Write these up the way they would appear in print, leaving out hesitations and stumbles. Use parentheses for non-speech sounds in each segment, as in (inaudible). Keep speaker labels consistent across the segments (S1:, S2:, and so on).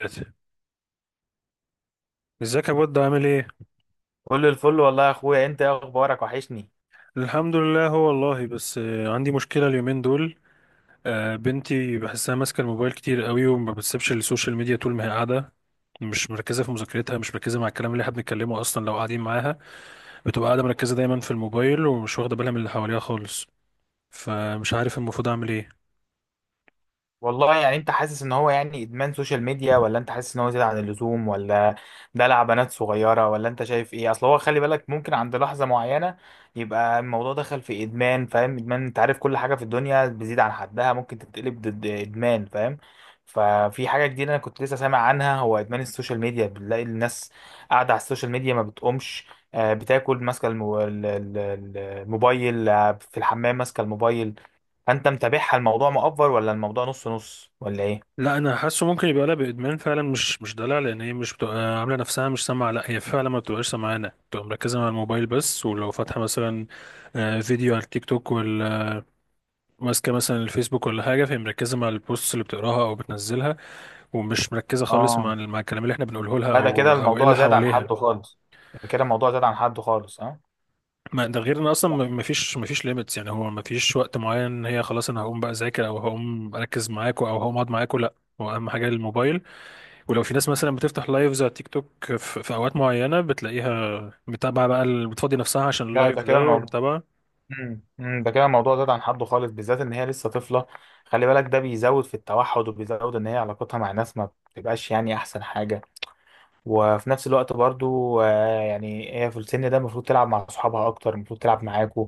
S1: دلوقتي. ازيك يا بود، عامل ايه؟
S2: كل الفل والله يا اخويا، انت ايه اخبارك؟ وحشني.
S1: الحمد لله. هو والله بس عندي مشكله اليومين دول. بنتي بحسها ماسكه الموبايل كتير قوي وما بتسيبش السوشيال ميديا طول ما هي قاعده. مش مركزه في مذاكرتها، مش مركزه مع الكلام اللي احنا بنتكلمه اصلا لو قاعدين معاها. بتبقى قاعده مركزه دايما في الموبايل ومش واخده بالها من اللي حواليها خالص. فمش عارف المفروض اعمل ايه؟
S2: والله يعني انت حاسس ان هو يعني ادمان سوشيال ميديا، ولا انت حاسس ان هو زيادة عن اللزوم، ولا دلع بنات صغيرة، ولا انت شايف ايه؟ اصل هو خلي بالك، ممكن عند لحظة معينة يبقى الموضوع دخل في ادمان، فاهم؟ ادمان. انت عارف كل حاجة في الدنيا بتزيد عن حدها ممكن تتقلب ضد. ادمان، فاهم؟ ففي حاجة جديدة انا كنت لسه سامع عنها، هو ادمان السوشيال ميديا. بنلاقي الناس قاعدة على السوشيال ميديا ما بتقومش. بتاكل ماسكة الموبايل، في الحمام ماسكة الموبايل. فانت متابعها؟ الموضوع مؤفر، ولا الموضوع نص نص، ولا ايه؟
S1: لا، انا حاسه ممكن يبقى لها بادمان فعلا، مش دلع، لان هي مش بتبقى عامله نفسها مش سامعه، لا هي فعلا ما بتبقاش سامعانا. بتبقى مركزه مع الموبايل بس. ولو فاتحه مثلا فيديو على التيك توك، ماسكه مثلا الفيسبوك ولا حاجه، فهي مركزه مع البوست اللي بتقراها او بتنزلها، ومش مركزه خالص مع
S2: اه
S1: مع الكلام اللي احنا بنقوله لها
S2: لا ده لا كده
S1: او ايه
S2: الموضوع
S1: اللي
S2: زاد عن
S1: حواليها.
S2: حده خالص. ده كده الموضوع زاد عن حده خالص، ها؟
S1: ما ده غير ان اصلا ما فيش ليميتس، يعني هو ما فيش وقت معين ان هي خلاص انا هقوم بقى اذاكر او هقوم اركز معاكوا او هقوم اقعد معاكوا. لا، هو اهم حاجه الموبايل. ولو في ناس مثلا بتفتح لايفز على تيك توك في اوقات معينه، بتلاقيها متابعه بقى، بتفضي نفسها عشان
S2: لا
S1: اللايف
S2: ده كده
S1: ده
S2: الموضوع
S1: ومتابعه.
S2: (laughs) مم. مم. ده كده الموضوع زاد عن حده خالص، بالذات ان هي لسه طفله. خلي بالك ده بيزود في التوحد، وبيزود ان هي علاقتها مع ناس ما بتبقاش يعني احسن حاجه. وفي نفس الوقت برضو يعني هي في السن ده المفروض تلعب مع صحابها اكتر، المفروض تلعب معاكوا،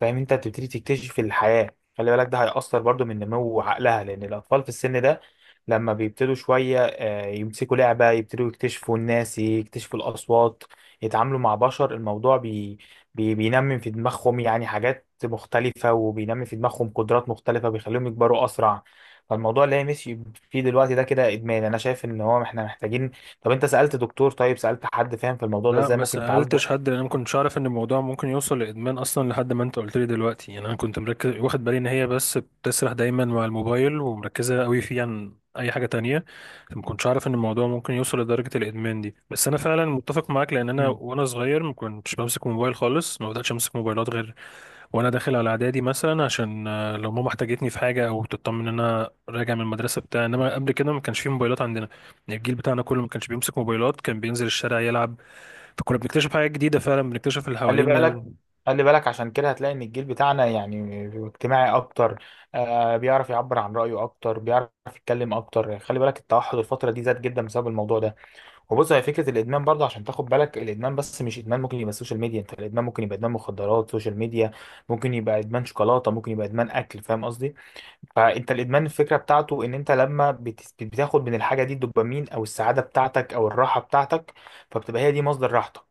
S2: فاهم؟ انت بتبتدي تكتشف الحياة. خلي بالك ده هيأثر برضو من نمو عقلها، لان الاطفال في السن ده لما بيبتدوا شوية يمسكوا لعبة، يبتدوا يكتشفوا الناس، يكتشفوا الاصوات، يتعاملوا مع بشر. الموضوع بي بي بينمي في دماغهم يعني حاجات مختلفة، وبينمي في دماغهم قدرات مختلفة، بيخليهم يكبروا اسرع. فالموضوع اللي هي ماشي فيه دلوقتي ده كده ادمان. انا شايف ان هو احنا محتاجين. طب انت سألت دكتور؟ طيب سألت حد فاهم في الموضوع ده
S1: لا،
S2: ازاي
S1: ما
S2: ممكن تعالجه؟
S1: سألتش حد لأن أنا ما كنتش أعرف إن الموضوع ممكن يوصل لإدمان أصلا لحد ما أنت قلت لي دلوقتي. يعني أنا كنت مركز واخد بالي إن هي بس بتسرح دايما مع الموبايل ومركزة قوي فيه عن أي حاجة تانية، فما كنتش أعرف إن الموضوع ممكن يوصل لدرجة الإدمان دي. بس أنا فعلا متفق معاك، لأن أنا
S2: مم.
S1: وأنا صغير ما كنتش بمسك موبايل خالص، ما بدأتش أمسك موبايلات غير وأنا داخل على إعدادي مثلا، عشان لو ماما احتاجتني في حاجة أو تطمن إن أنا راجع من المدرسة بتاع. إنما قبل كده ما كانش فيه موبايلات عندنا. يعني الجيل بتاعنا كله ما كانش بيمسك موبايلات، كان بينزل الشارع يلعب. فكنا بنكتشف حاجات جديدة فعلا، بنكتشف اللي
S2: خلي
S1: حوالينا.
S2: بالك، عشان كده هتلاقي ان الجيل بتاعنا يعني اجتماعي اكتر، بيعرف يعبر عن رأيه اكتر، بيعرف يتكلم اكتر. خلي بالك التوحد الفترة دي زاد جدا بسبب الموضوع ده. وبص، هي فكرة الادمان برضه عشان تاخد بالك، الادمان بس مش ادمان ممكن يبقى السوشيال ميديا انت، الادمان ممكن يبقى ادمان مخدرات، سوشيال ميديا، ممكن يبقى ادمان شوكولاتة، ممكن يبقى ادمان اكل، فاهم قصدي؟ فانت الادمان الفكره بتاعته ان انت لما بتاخد من الحاجه دي الدوبامين او السعاده بتاعتك او الراحه بتاعتك، فبتبقى هي دي مصدر راحتك،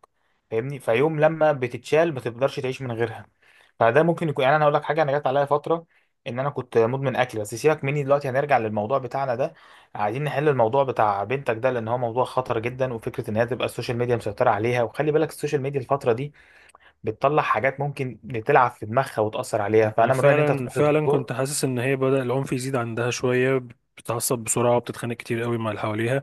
S2: فاهمني؟ فيوم لما بتتشال ما تقدرش تعيش من غيرها. فده ممكن يكون، يعني انا اقول لك حاجه، انا جت عليا فتره ان انا كنت مدمن اكل، بس سيبك مني دلوقتي، هنرجع للموضوع بتاعنا ده. عايزين نحل الموضوع بتاع بنتك ده، لان هو موضوع خطر جدا. وفكره ان هي تبقى السوشيال ميديا مسيطره عليها، وخلي بالك السوشيال ميديا الفتره دي بتطلع حاجات ممكن تلعب في دماغها وتاثر عليها.
S1: أنا
S2: فانا من رايي ان انت
S1: فعلا
S2: تروح
S1: فعلا
S2: للدكتور.
S1: كنت حاسس إن هي بدأ العنف يزيد عندها شوية. بتتعصب بسرعة وبتتخانق كتير قوي مع اللي حواليها.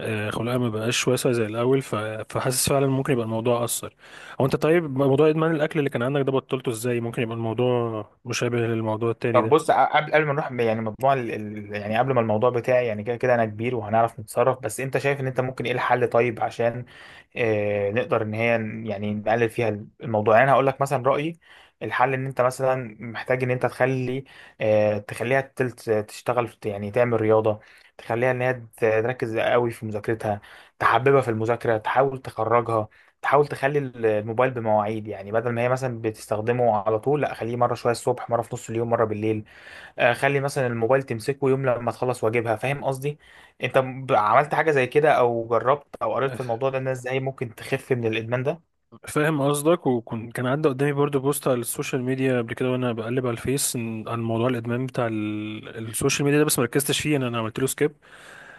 S1: خلقها ما بقاش واسع زي الأول. فحاسس فعلا ممكن يبقى الموضوع أثر. هو أنت، طيب، موضوع إدمان الأكل اللي كان عندك ده بطلته إزاي؟ ممكن يبقى الموضوع مشابه للموضوع التاني
S2: طب
S1: ده؟
S2: بص، قبل ما نروح يعني مجموع يعني قبل ما الموضوع بتاعي، يعني كده كده انا كبير وهنعرف نتصرف. بس انت شايف ان انت ممكن ايه الحل طيب، عشان نقدر ان هي يعني نقلل فيها الموضوع؟ يعني انا هقول لك مثلا رأيي، الحل ان انت مثلا محتاج ان انت تخلي تخليها تلت تشتغل يعني تعمل رياضة. تخليها ان هي تركز قوي في مذاكرتها، تحببها في المذاكرة، تحاول تخرجها. تحاول تخلي الموبايل بمواعيد، يعني بدل ما هي مثلا بتستخدمه على طول، لا، خليه مره شويه الصبح، مره في نص اليوم، مره بالليل. خلي مثلا الموبايل تمسكه يوم لما تخلص واجبها، فاهم قصدي؟ انت عملت حاجه زي كده، او جربت، او قريت في الموضوع ده الناس ازاي ممكن تخف من الادمان ده؟
S1: فاهم قصدك. وكان كان عدى قدامي برضو بوست على السوشيال ميديا قبل كده وانا بقلب على الفيس، عن موضوع الادمان بتاع السوشيال ميديا ده، بس مركزتش فيه، أنا عملت له سكيب.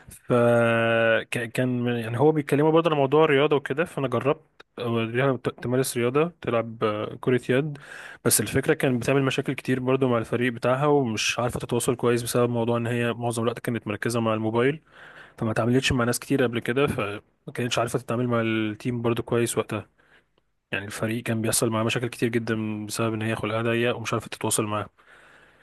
S1: فكان يعني هو بيتكلموا برضه على موضوع الرياضة وكده، فأنا جربت أوريها تمارس رياضة، تلعب كرة يد. بس الفكرة، كان بتعمل مشاكل كتير برضه مع الفريق بتاعها ومش عارفة تتواصل كويس بسبب موضوع إن هي معظم الوقت كانت مركزة مع الموبايل، فما اتعاملتش مع ناس كتير قبل كده، فما كانتش عارفة تتعامل مع التيم برضه كويس وقتها. يعني الفريق كان بيحصل معاه مشاكل كتير جدا بسبب إن هي خلقها ضيق ومش عارفة تتواصل معاه.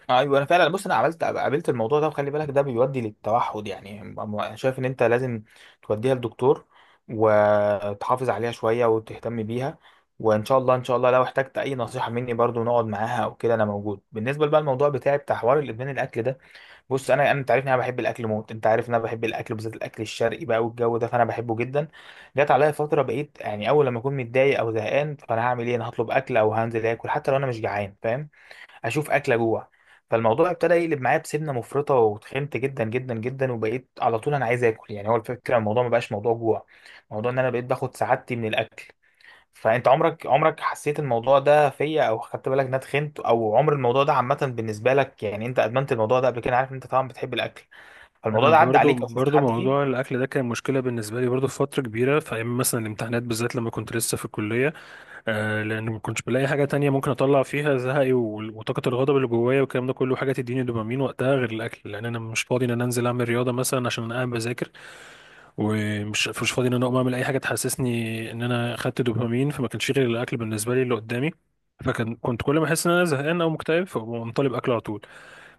S2: ايوه، انا فعلا بص، انا عملت قابلت الموضوع ده، وخلي بالك ده بيودي للتوحد، يعني أنا شايف ان انت لازم توديها للدكتور، وتحافظ عليها شويه وتهتم بيها. وان شاء الله، ان شاء الله لو احتجت اي نصيحه مني برضو، نقعد معاها او كده، انا موجود. بالنسبه بقى الموضوع بتاعي بتاع حوار الادمان الاكل ده، بص، انا انا انت عارف ان انا بحب الاكل موت، انت عارف ان انا بحب الاكل بالذات الاكل الشرقي بقى والجو ده، فانا بحبه جدا. جت عليا فتره بقيت يعني، اول لما اكون متضايق او زهقان فانا هعمل ايه؟ انا هطلب اكل او هنزل اكل حتى لو انا مش جعان، فاهم؟ هشوف اكل اجوع. فالموضوع ابتدى يقلب معايا بسمنه مفرطه، وتخنت جدا جدا جدا، وبقيت على طول انا عايز اكل. يعني هو الفكره الموضوع ما بقاش موضوع جوع، الموضوع ان انا بقيت باخد سعادتي من الاكل. فانت عمرك حسيت الموضوع ده فيا، او خدت بالك ان انا اتخنت؟ او عمر الموضوع ده عامه بالنسبه لك، يعني انت ادمنت الموضوع ده قبل كده؟ عارف إن انت طبعا بتحب الاكل، فالموضوع
S1: انا
S2: ده عدى
S1: برضو
S2: عليك، او شفت
S1: برضو
S2: حد
S1: موضوع
S2: فيه؟
S1: الاكل ده كان مشكله بالنسبه لي برضو في فتره كبيره، في ايام مثلا الامتحانات بالذات لما كنت لسه في الكليه. آه، لان ما كنتش بلاقي حاجه تانية ممكن اطلع فيها زهقي وطاقه الغضب اللي جوايا والكلام ده كله، حاجه تديني دوبامين وقتها غير الاكل، لان انا مش فاضي ان انا انزل اعمل رياضه مثلا عشان انا قاعد بذاكر. ومش مش فاضي ان انا اقوم اعمل اي حاجه تحسسني ان انا خدت دوبامين، فما كانش غير الاكل بالنسبه لي اللي قدامي. فكان كنت كل ما احس ان انا زهقان او مكتئب، فاقوم طالب اكل على طول.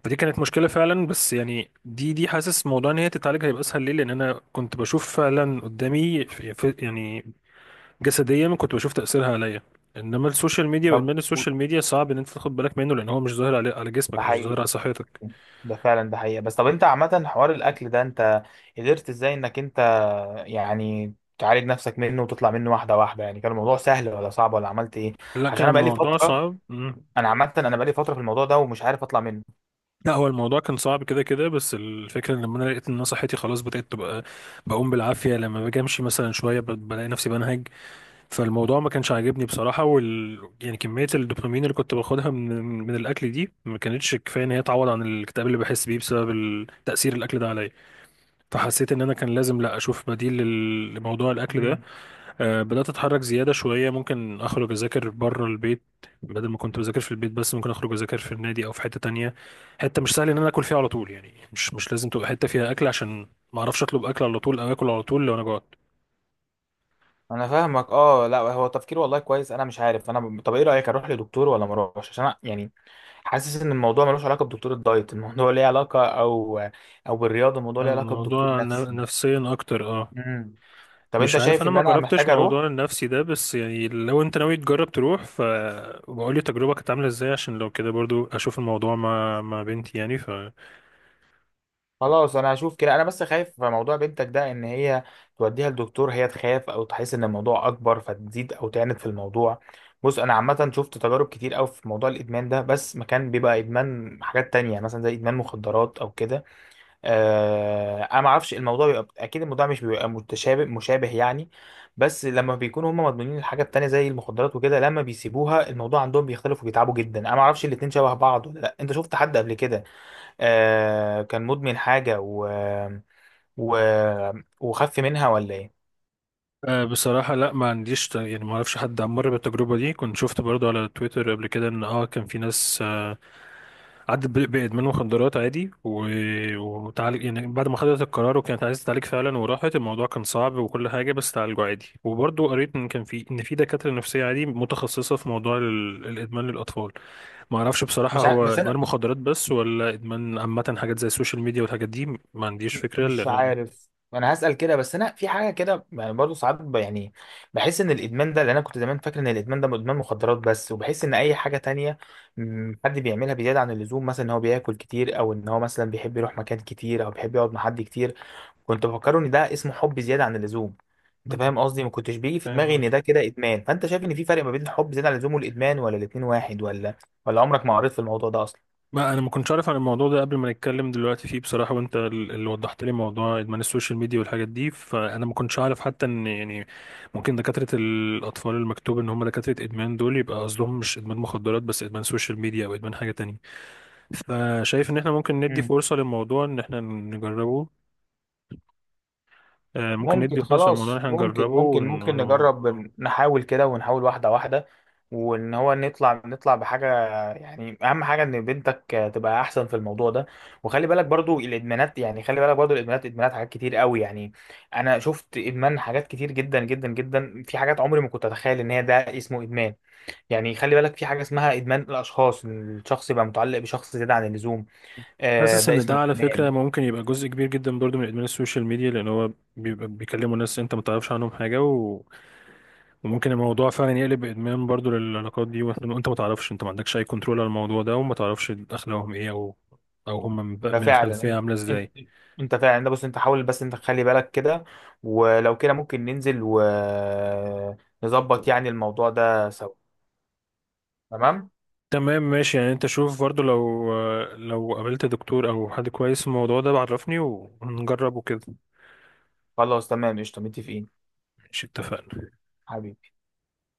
S1: فدي كانت مشكلة فعلا. بس يعني، دي حاسس موضوع ان هي تتعالج هيبقى اسهل ليه، لان انا كنت بشوف فعلا قدامي يعني جسديا كنت بشوف تأثيرها عليا. انما السوشيال ميديا
S2: طب
S1: وادمان السوشيال ميديا، صعب ان انت تاخد بالك منه، لان هو مش ظاهر على
S2: ده
S1: جسمك، مش ظاهر على
S2: حقيقه،
S1: صحتك.
S2: ده فعلا ده حقيقه. بس طب انت عامه حوار الاكل ده انت قدرت ازاي انك انت يعني تعالج نفسك منه وتطلع منه واحده واحده؟ يعني كان الموضوع سهل، ولا صعب، ولا عملت ايه؟
S1: لا،
S2: عشان
S1: كان
S2: انا بقالي
S1: الموضوع
S2: فتره،
S1: صعب. مم.
S2: انا عامه انا بقالي فتره في الموضوع ده ومش عارف اطلع منه.
S1: لا، هو الموضوع كان صعب كده كده، بس الفكرة ان لما انا لقيت ان انا صحتي خلاص بدأت تبقى بقوم بالعافية، لما باجي امشي مثلا شوية بلاقي نفسي بنهج. فالموضوع ما كانش عاجبني بصراحة. يعني كمية الدوبامين اللي كنت باخدها من الأكل دي ما كانتش كفاية إن هي تعوض عن الاكتئاب اللي بحس بيه بسبب تأثير الأكل ده عليا. فحسيت إن أنا كان لازم، لا، أشوف بديل لموضوع الأكل ده.
S2: مم.
S1: آه، بدأت أتحرك زيادة شوية، ممكن أخرج أذاكر بره البيت بدل ما كنت بذاكر في البيت بس. ممكن أخرج أذاكر في النادي أو في حتة تانية، حتة مش سهل إن أنا آكل فيها على طول، يعني مش لازم تبقى حتة فيها أكل، عشان ما أعرفش أطلب أكل على طول أو آكل على طول لو أنا جوعت.
S2: انا فاهمك. اه لا هو تفكير والله كويس، انا مش عارف، انا طب ايه رايك، اروح لدكتور ولا ما اروحش؟ عشان أنا يعني حاسس ان الموضوع ملوش علاقه بدكتور الدايت، (laughs) الموضوع ليه علاقه، او او بالرياضه، الموضوع ليه علاقه بدكتور
S1: الموضوع
S2: نفسي.
S1: نفسيا أكتر.
S2: مم. طب
S1: مش
S2: انت
S1: عارف،
S2: شايف
S1: انا
S2: ان
S1: ما
S2: انا
S1: جربتش
S2: محتاج اروح؟
S1: موضوع النفسي ده، بس يعني لو انت ناوي تجرب تروح فبقول لي تجربة كانت عاملة ازاي، عشان لو كده برضو اشوف الموضوع مع بنتي. يعني.
S2: خلاص انا هشوف كده. انا بس خايف في موضوع بنتك ده، ان هي توديها لدكتور هي تخاف، او تحس ان الموضوع اكبر فتزيد، او تعند في الموضوع. بص انا عامه شفت تجارب كتير قوي في موضوع الادمان ده، بس ما كان بيبقى ادمان حاجات تانية، يعني مثلا زي ادمان مخدرات او كده. انا ما اعرفش الموضوع بيبقى، اكيد الموضوع مش بيبقى متشابه مشابه يعني، بس لما بيكونوا هم مدمنين الحاجه التانية زي المخدرات وكده، لما بيسيبوها الموضوع عندهم بيختلف وبيتعبوا جدا. انا ما اعرفش الاتنين شبه بعض ولا لا. انت شفت حد قبل كده كان مدمن حاجة و... وخف منها، ولا ايه؟
S1: بصراحة، لا، ما عنديش يعني، ما اعرفش حد مر بالتجربة دي. كنت شفت برضو على تويتر قبل كده ان كان في ناس، عدت بإدمان مخدرات عادي وتعالج. يعني بعد ما خدت القرار وكانت عايزة تتعالج فعلا وراحت، الموضوع كان صعب وكل حاجة، بس تعالجوا عادي. وبرضو قريت ان كان في، ان في دكاترة نفسية عادي متخصصة في موضوع الإدمان للأطفال. ما اعرفش بصراحة
S2: مش عارف،
S1: هو
S2: بس
S1: ادمان
S2: انا
S1: مخدرات بس ولا ادمان عامة حاجات زي السوشيال ميديا والحاجات دي. ما عنديش فكرة،
S2: مش
S1: لان انا
S2: عارف، انا هسأل كده. بس انا في حاجة كده يعني برضه ساعات يعني بحس ان الادمان ده، لان انا كنت زمان فاكر ان الادمان ده ادمان مخدرات بس، وبحس ان اي حاجة تانية حد بيعملها بزيادة عن اللزوم، مثلا ان هو بياكل كتير، او ان هو مثلا بيحب يروح مكان كتير، او بيحب يقعد مع حد كتير. كنت بفكره ان ده اسمه حب زياده عن اللزوم، انت
S1: مم.
S2: فاهم قصدي؟ ما كنتش بيجي في
S1: فاهم
S2: دماغي ان ده
S1: قصدك.
S2: كده ادمان. فانت شايف ان في فرق ما بين الحب زياده عن اللزوم والادمان، ولا الاتنين واحد، ولا ولا عمرك ما قريت في الموضوع ده اصلا؟
S1: ما انا ما كنتش عارف عن الموضوع ده قبل ما نتكلم دلوقتي فيه بصراحة، وانت اللي وضحت لي موضوع ادمان السوشيال ميديا والحاجات دي، فانا ما كنتش عارف حتى ان يعني ممكن دكاترة الاطفال المكتوب ان هم دكاترة ادمان دول يبقى قصدهم مش ادمان مخدرات بس، ادمان سوشيال ميديا او ادمان حاجة تانية. فشايف ان احنا ممكن ندي فرصة للموضوع ان احنا نجربه. ممكن
S2: ممكن،
S1: ندي فرصة للموضوع ان
S2: خلاص
S1: احنا نجربه ون-
S2: ممكن
S1: ون-
S2: نجرب، نحاول كده ونحاول واحدة واحدة، وان هو نطلع، نطلع بحاجة. يعني اهم حاجة ان بنتك تبقى احسن في الموضوع ده. وخلي بالك برضو الادمانات، يعني خلي بالك برضو الادمانات ادمانات حاجات كتير قوي يعني. انا شفت ادمان حاجات كتير جدا جدا جدا، في حاجات عمري ما كنت اتخيل ان هي ده اسمه ادمان. يعني خلي بالك في حاجة اسمها ادمان الاشخاص، إن الشخص يبقى متعلق بشخص زيادة عن اللزوم،
S1: حاسس
S2: ده
S1: ان ده
S2: اسمه
S1: على فكرة
S2: ادمان.
S1: ممكن يبقى جزء كبير جدا برضو من ادمان السوشيال ميديا، لان هو بيبقى بيكلموا ناس انت ما تعرفش عنهم حاجة وممكن الموضوع فعلا يقلب ادمان برضو للعلاقات دي، وإنت ما تعرفش، انت ما عندكش اي كنترول على الموضوع ده وما تعرفش اخلاقهم ايه او هم من
S2: ده
S1: من
S2: فعلا
S1: الخلفية
S2: انت،
S1: عاملة ازاي.
S2: انت فعلا ده. بص انت حاول بس انت تخلي بالك كده، ولو كده ممكن ننزل ونظبط يعني الموضوع ده سوا. تمام.
S1: تمام، ماشي. يعني انت شوف برضو لو قابلت دكتور او حد كويس في الموضوع ده بعرفني ونجربه كده.
S2: خلاص تمام، قشطة، متفقين.
S1: ماشي، اتفقنا.
S2: حبيبي.